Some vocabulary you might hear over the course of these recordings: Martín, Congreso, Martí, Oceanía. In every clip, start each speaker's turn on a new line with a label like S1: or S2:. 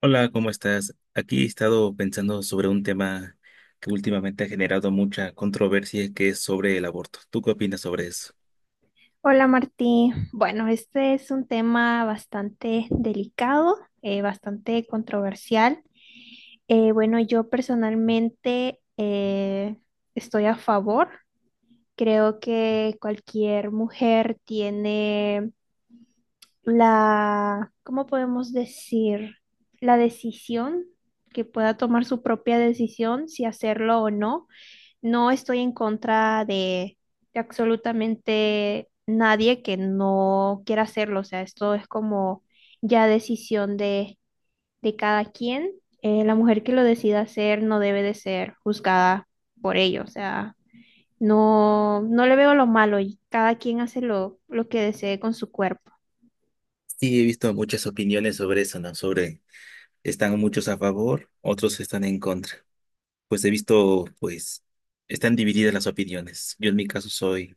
S1: Hola, ¿cómo estás? Aquí he estado pensando sobre un tema que últimamente ha generado mucha controversia, que es sobre el aborto. ¿Tú qué opinas sobre eso?
S2: Hola Martí. Bueno, este es un tema bastante delicado, bastante controversial. Bueno, yo personalmente estoy a favor. Creo que cualquier mujer tiene la, ¿cómo podemos decir? La decisión, que pueda tomar su propia decisión si hacerlo o no. No estoy en contra de absolutamente nadie que no quiera hacerlo. O sea, esto es como ya decisión de cada quien. La mujer que lo decida hacer no debe de ser juzgada por ello. O sea, no le veo lo malo y cada quien hace lo que desee con su cuerpo.
S1: Sí, he visto muchas opiniones sobre eso, ¿no? Sobre están muchos a favor, otros están en contra. Pues he visto, pues, están divididas las opiniones. Yo en mi caso soy,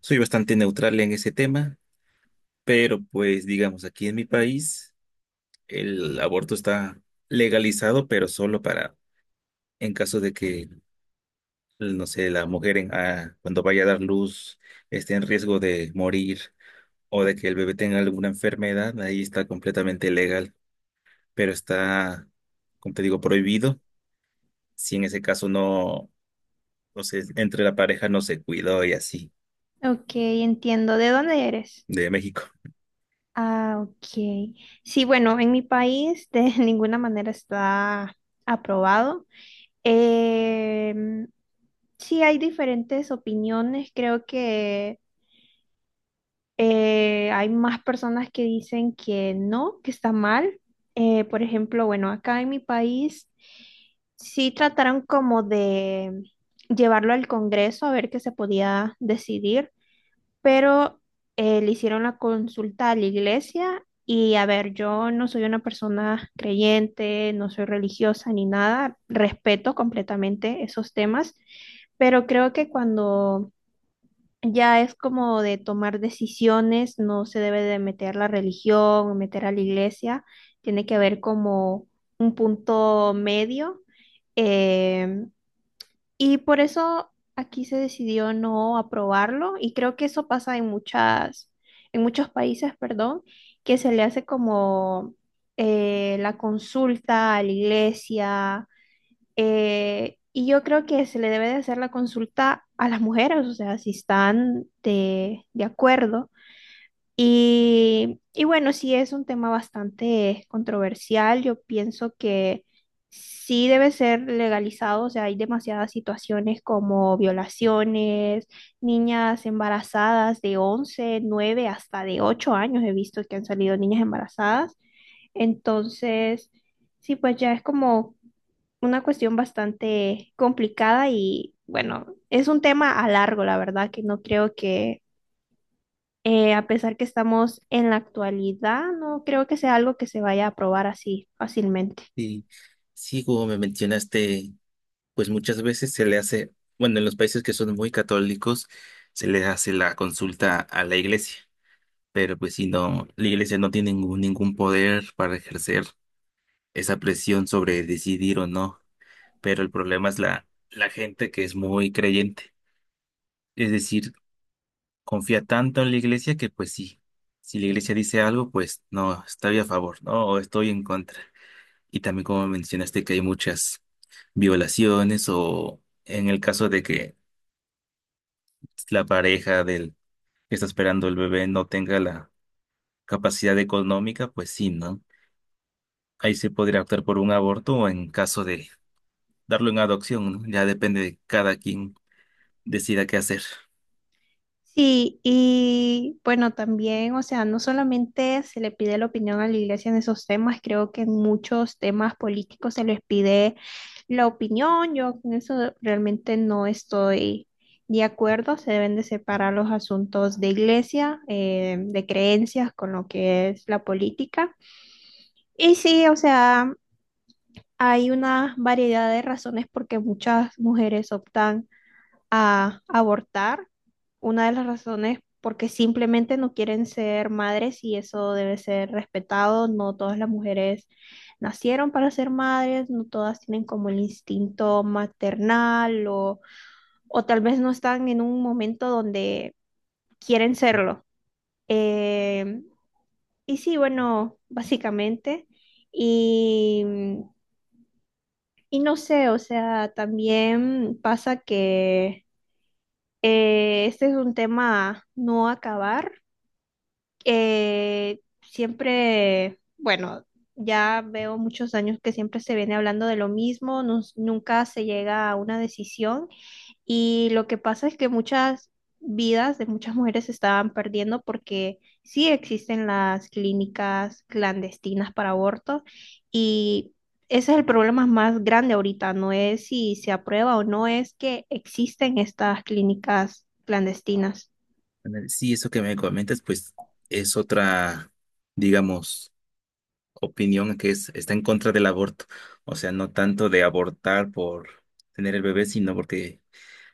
S1: soy bastante neutral en ese tema, pero pues digamos, aquí en mi país el aborto está legalizado, pero solo para en caso de que no sé, la mujer en- ah, cuando vaya a dar luz esté en riesgo de morir o de que el bebé tenga alguna enfermedad, ahí está completamente legal, pero está, como te digo, prohibido si en ese caso no sé, entre la pareja no se cuidó y así,
S2: Ok, entiendo. ¿De dónde eres?
S1: de México.
S2: Ah, ok. Sí, bueno, en mi país de ninguna manera está aprobado. Em, sí, hay diferentes opiniones. Creo que hay más personas que dicen que no, que está mal. Por ejemplo, bueno, acá en mi país sí trataron como de llevarlo al Congreso a ver qué se podía decidir, pero le hicieron la consulta a la iglesia y a ver, yo no soy una persona creyente, no soy religiosa ni nada, respeto completamente esos temas, pero creo que cuando ya es como de tomar decisiones, no se debe de meter la religión, meter a la iglesia, tiene que haber como un punto medio. em, y por eso aquí se decidió no aprobarlo y creo que eso pasa en muchas, en muchos países, perdón, que se le hace como la consulta a la iglesia, y yo creo que se le debe de hacer la consulta a las mujeres, o sea, si están de acuerdo y bueno, sí es un tema bastante controversial. Yo pienso que sí debe ser legalizado. O sea, hay demasiadas situaciones como violaciones, niñas embarazadas de 11, 9, hasta de 8 años. He visto que han salido niñas embarazadas. Entonces, sí, pues ya es como una cuestión bastante complicada y bueno, es un tema a largo, la verdad, que no creo que, a pesar que estamos en la actualidad, no creo que sea algo que se vaya a aprobar así fácilmente.
S1: Y sí, como me mencionaste, pues muchas veces se le hace, bueno, en los países que son muy católicos, se le hace la consulta a la iglesia. Pero pues si no, la iglesia no tiene ningún poder para ejercer esa presión sobre decidir o no, pero el problema es la gente que es muy creyente, es decir, confía tanto en la iglesia que pues sí, si la iglesia dice algo, pues no, estoy a favor, no, o estoy en contra. Y también como mencionaste que hay muchas violaciones o en el caso de que la pareja del que está esperando el bebé no tenga la capacidad económica, pues sí, ¿no? Ahí se podría optar por un aborto o en caso de darlo en adopción, ¿no? Ya depende de cada quien decida qué hacer.
S2: Sí, y bueno, también, o sea, no solamente se le pide la opinión a la iglesia en esos temas, creo que en muchos temas políticos se les pide la opinión. Yo con eso realmente no estoy de acuerdo. Se deben de separar los asuntos de iglesia, de creencias con lo que es la política. Y sí, o sea, hay una variedad de razones por qué muchas mujeres optan a abortar. Una de las razones porque simplemente no quieren ser madres y eso debe ser respetado. No todas las mujeres nacieron para ser madres, no todas tienen como el instinto maternal o tal vez no están en un momento donde quieren serlo. Eh, y sí, bueno, básicamente. Y, y no sé, o sea, también pasa que, este es un tema a no acabar. Siempre, bueno, ya veo muchos años que siempre se viene hablando de lo mismo, nunca se llega a una decisión. Y lo que pasa es que muchas vidas de muchas mujeres se estaban perdiendo porque sí existen las clínicas clandestinas para abortos, y ese es el problema más grande ahorita, no es si se aprueba o no, es que existen estas clínicas clandestinas.
S1: Ándale, sí, eso que me comentas, pues es otra, digamos, opinión que es, está en contra del aborto. O sea, no tanto de abortar por tener el bebé, sino porque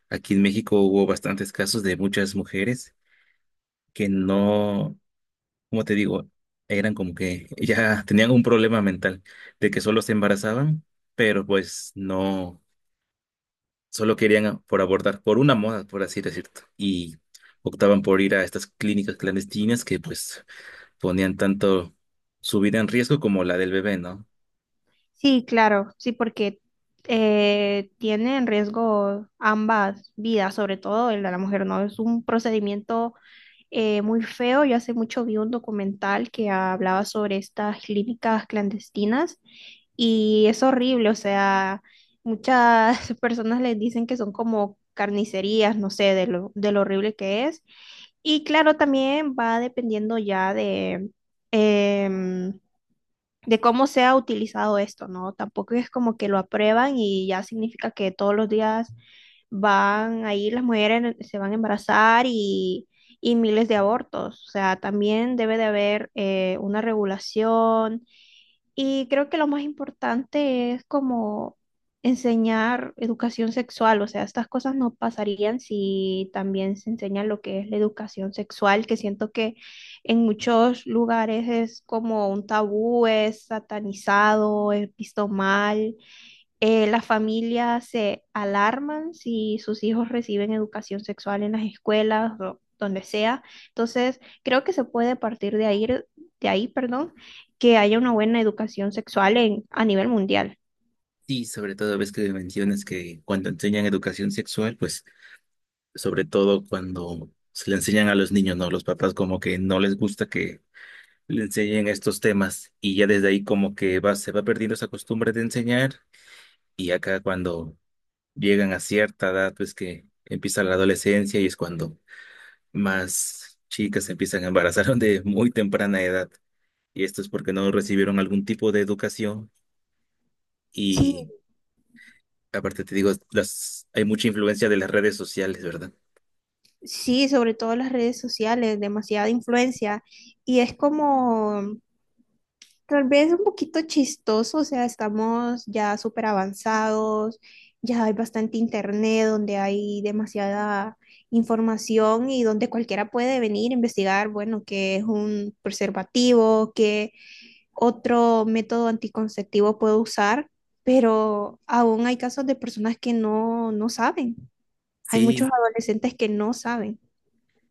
S1: aquí en México hubo bastantes casos de muchas mujeres que no, como te digo, eran como que ya tenían un problema mental de que solo se embarazaban, pero pues no. Solo querían por abordar por una moda, por así decirlo, y optaban por ir a estas clínicas clandestinas que pues ponían tanto su vida en riesgo como la del bebé, ¿no?
S2: Sí, claro, sí, porque tiene en riesgo ambas vidas, sobre todo el de la mujer, ¿no? Es un procedimiento muy feo. Yo hace mucho vi un documental que hablaba sobre estas clínicas clandestinas y es horrible, o sea, muchas personas les dicen que son como carnicerías, no sé, de de lo horrible que es. Y claro, también va dependiendo ya de em, de cómo se ha utilizado esto, ¿no? Tampoco es como que lo aprueban y ya significa que todos los días van ahí las mujeres, se van a embarazar y miles de abortos. O sea, también debe de haber una regulación, y creo que lo más importante es como enseñar educación sexual, o sea, estas cosas no pasarían si también se enseña lo que es la educación sexual, que siento que en muchos lugares es como un tabú, es satanizado, es visto mal. Las familias se alarman si sus hijos reciben educación sexual en las escuelas o donde sea. Entonces, creo que se puede partir de ahí, perdón, que haya una buena educación sexual en, a nivel mundial.
S1: Y sobre todo ves que mencionas que cuando enseñan educación sexual, pues sobre todo cuando se le enseñan a los niños, ¿no? Los papás como que no les gusta que le enseñen estos temas y ya desde ahí como que va, se va perdiendo esa costumbre de enseñar y acá cuando llegan a cierta edad, pues que empieza la adolescencia y es cuando más chicas se empiezan a embarazar de muy temprana edad. Y esto es porque no recibieron algún tipo de educación.
S2: Sí,
S1: Y aparte te digo, las, hay mucha influencia de las redes sociales, ¿verdad?
S2: sí, sobre todo las redes sociales, demasiada influencia. Y es como, tal vez un poquito chistoso, o sea, estamos ya súper avanzados, ya hay bastante internet donde hay demasiada información y donde cualquiera puede venir a investigar, bueno, qué es un preservativo, qué otro método anticonceptivo puedo usar, pero aún hay casos de personas que no saben. Hay muchos
S1: Sí,
S2: adolescentes que no saben.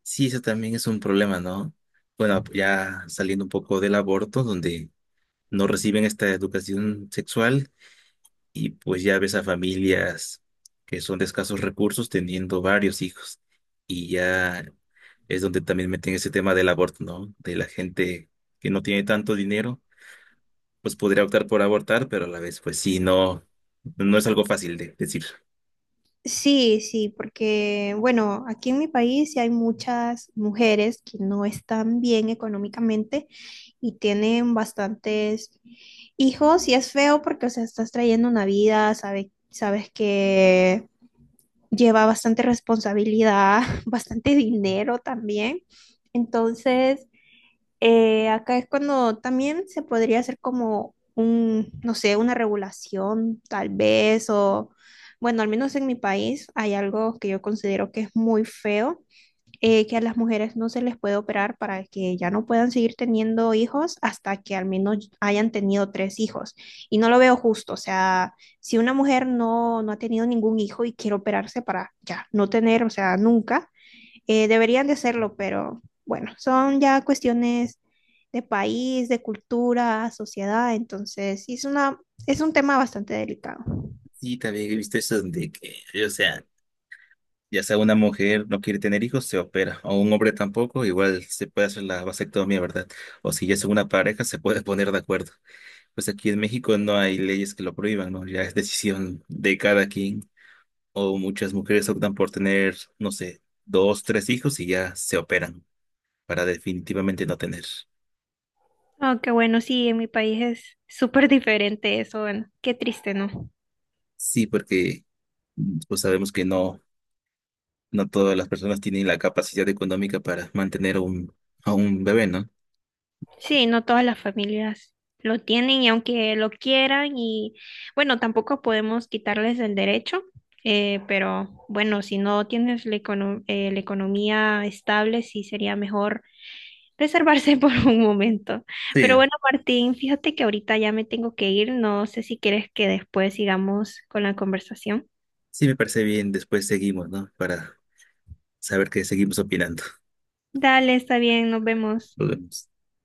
S1: sí, eso también es un problema, ¿no? Bueno, ya saliendo un poco del aborto, donde no reciben esta educación sexual, y pues ya ves a familias que son de escasos recursos teniendo varios hijos. Y ya es donde también meten ese tema del aborto, ¿no? De la gente que no tiene tanto dinero, pues podría optar por abortar, pero a la vez, pues sí, no, no es algo fácil de decir.
S2: Sí, sí, porque bueno, aquí en mi país sí hay muchas mujeres que no están bien económicamente y tienen bastantes hijos y es feo porque, o sea, estás trayendo una vida, sabes, sabes que lleva bastante responsabilidad, bastante dinero también. Entonces, acá es cuando también se podría hacer como un, no sé, una regulación, tal vez, o bueno, al menos en mi país hay algo que yo considero que es muy feo, que a las mujeres no se les puede operar para que ya no puedan seguir teniendo hijos hasta que al menos hayan tenido 3 hijos. Y no lo veo justo, o sea, si una mujer no ha tenido ningún hijo y quiere operarse para ya no tener, o sea, nunca deberían de hacerlo, pero bueno, son ya cuestiones de país, de cultura, sociedad, entonces sí es una, es un tema bastante delicado.
S1: Sí, también he visto eso de que, o sea, ya sea una mujer no quiere tener hijos, se opera, o un hombre tampoco, igual se puede hacer la vasectomía, ¿verdad? O si ya es una pareja, se puede poner de acuerdo. Pues aquí en México no hay leyes que lo prohíban, ¿no? Ya es decisión de cada quien. O muchas mujeres optan por tener, no sé, dos, tres hijos y ya se operan para definitivamente no tener.
S2: Oh, qué bueno, sí, en mi país es súper diferente eso, bueno, qué triste, ¿no?
S1: Sí, porque pues sabemos que no, no todas las personas tienen la capacidad económica para mantener a a un bebé, ¿no?
S2: Sí, no todas las familias lo tienen y aunque lo quieran y bueno, tampoco podemos quitarles el derecho, pero bueno, si no tienes la, la economía estable, sí sería mejor reservarse por un momento.
S1: Sí,
S2: Pero bueno, Martín, fíjate que ahorita ya me tengo que ir. No sé si quieres que después sigamos con la conversación.
S1: sí me parece bien. Después seguimos, ¿no? Para saber que seguimos opinando.
S2: Dale, está bien, nos vemos.
S1: Nos vemos.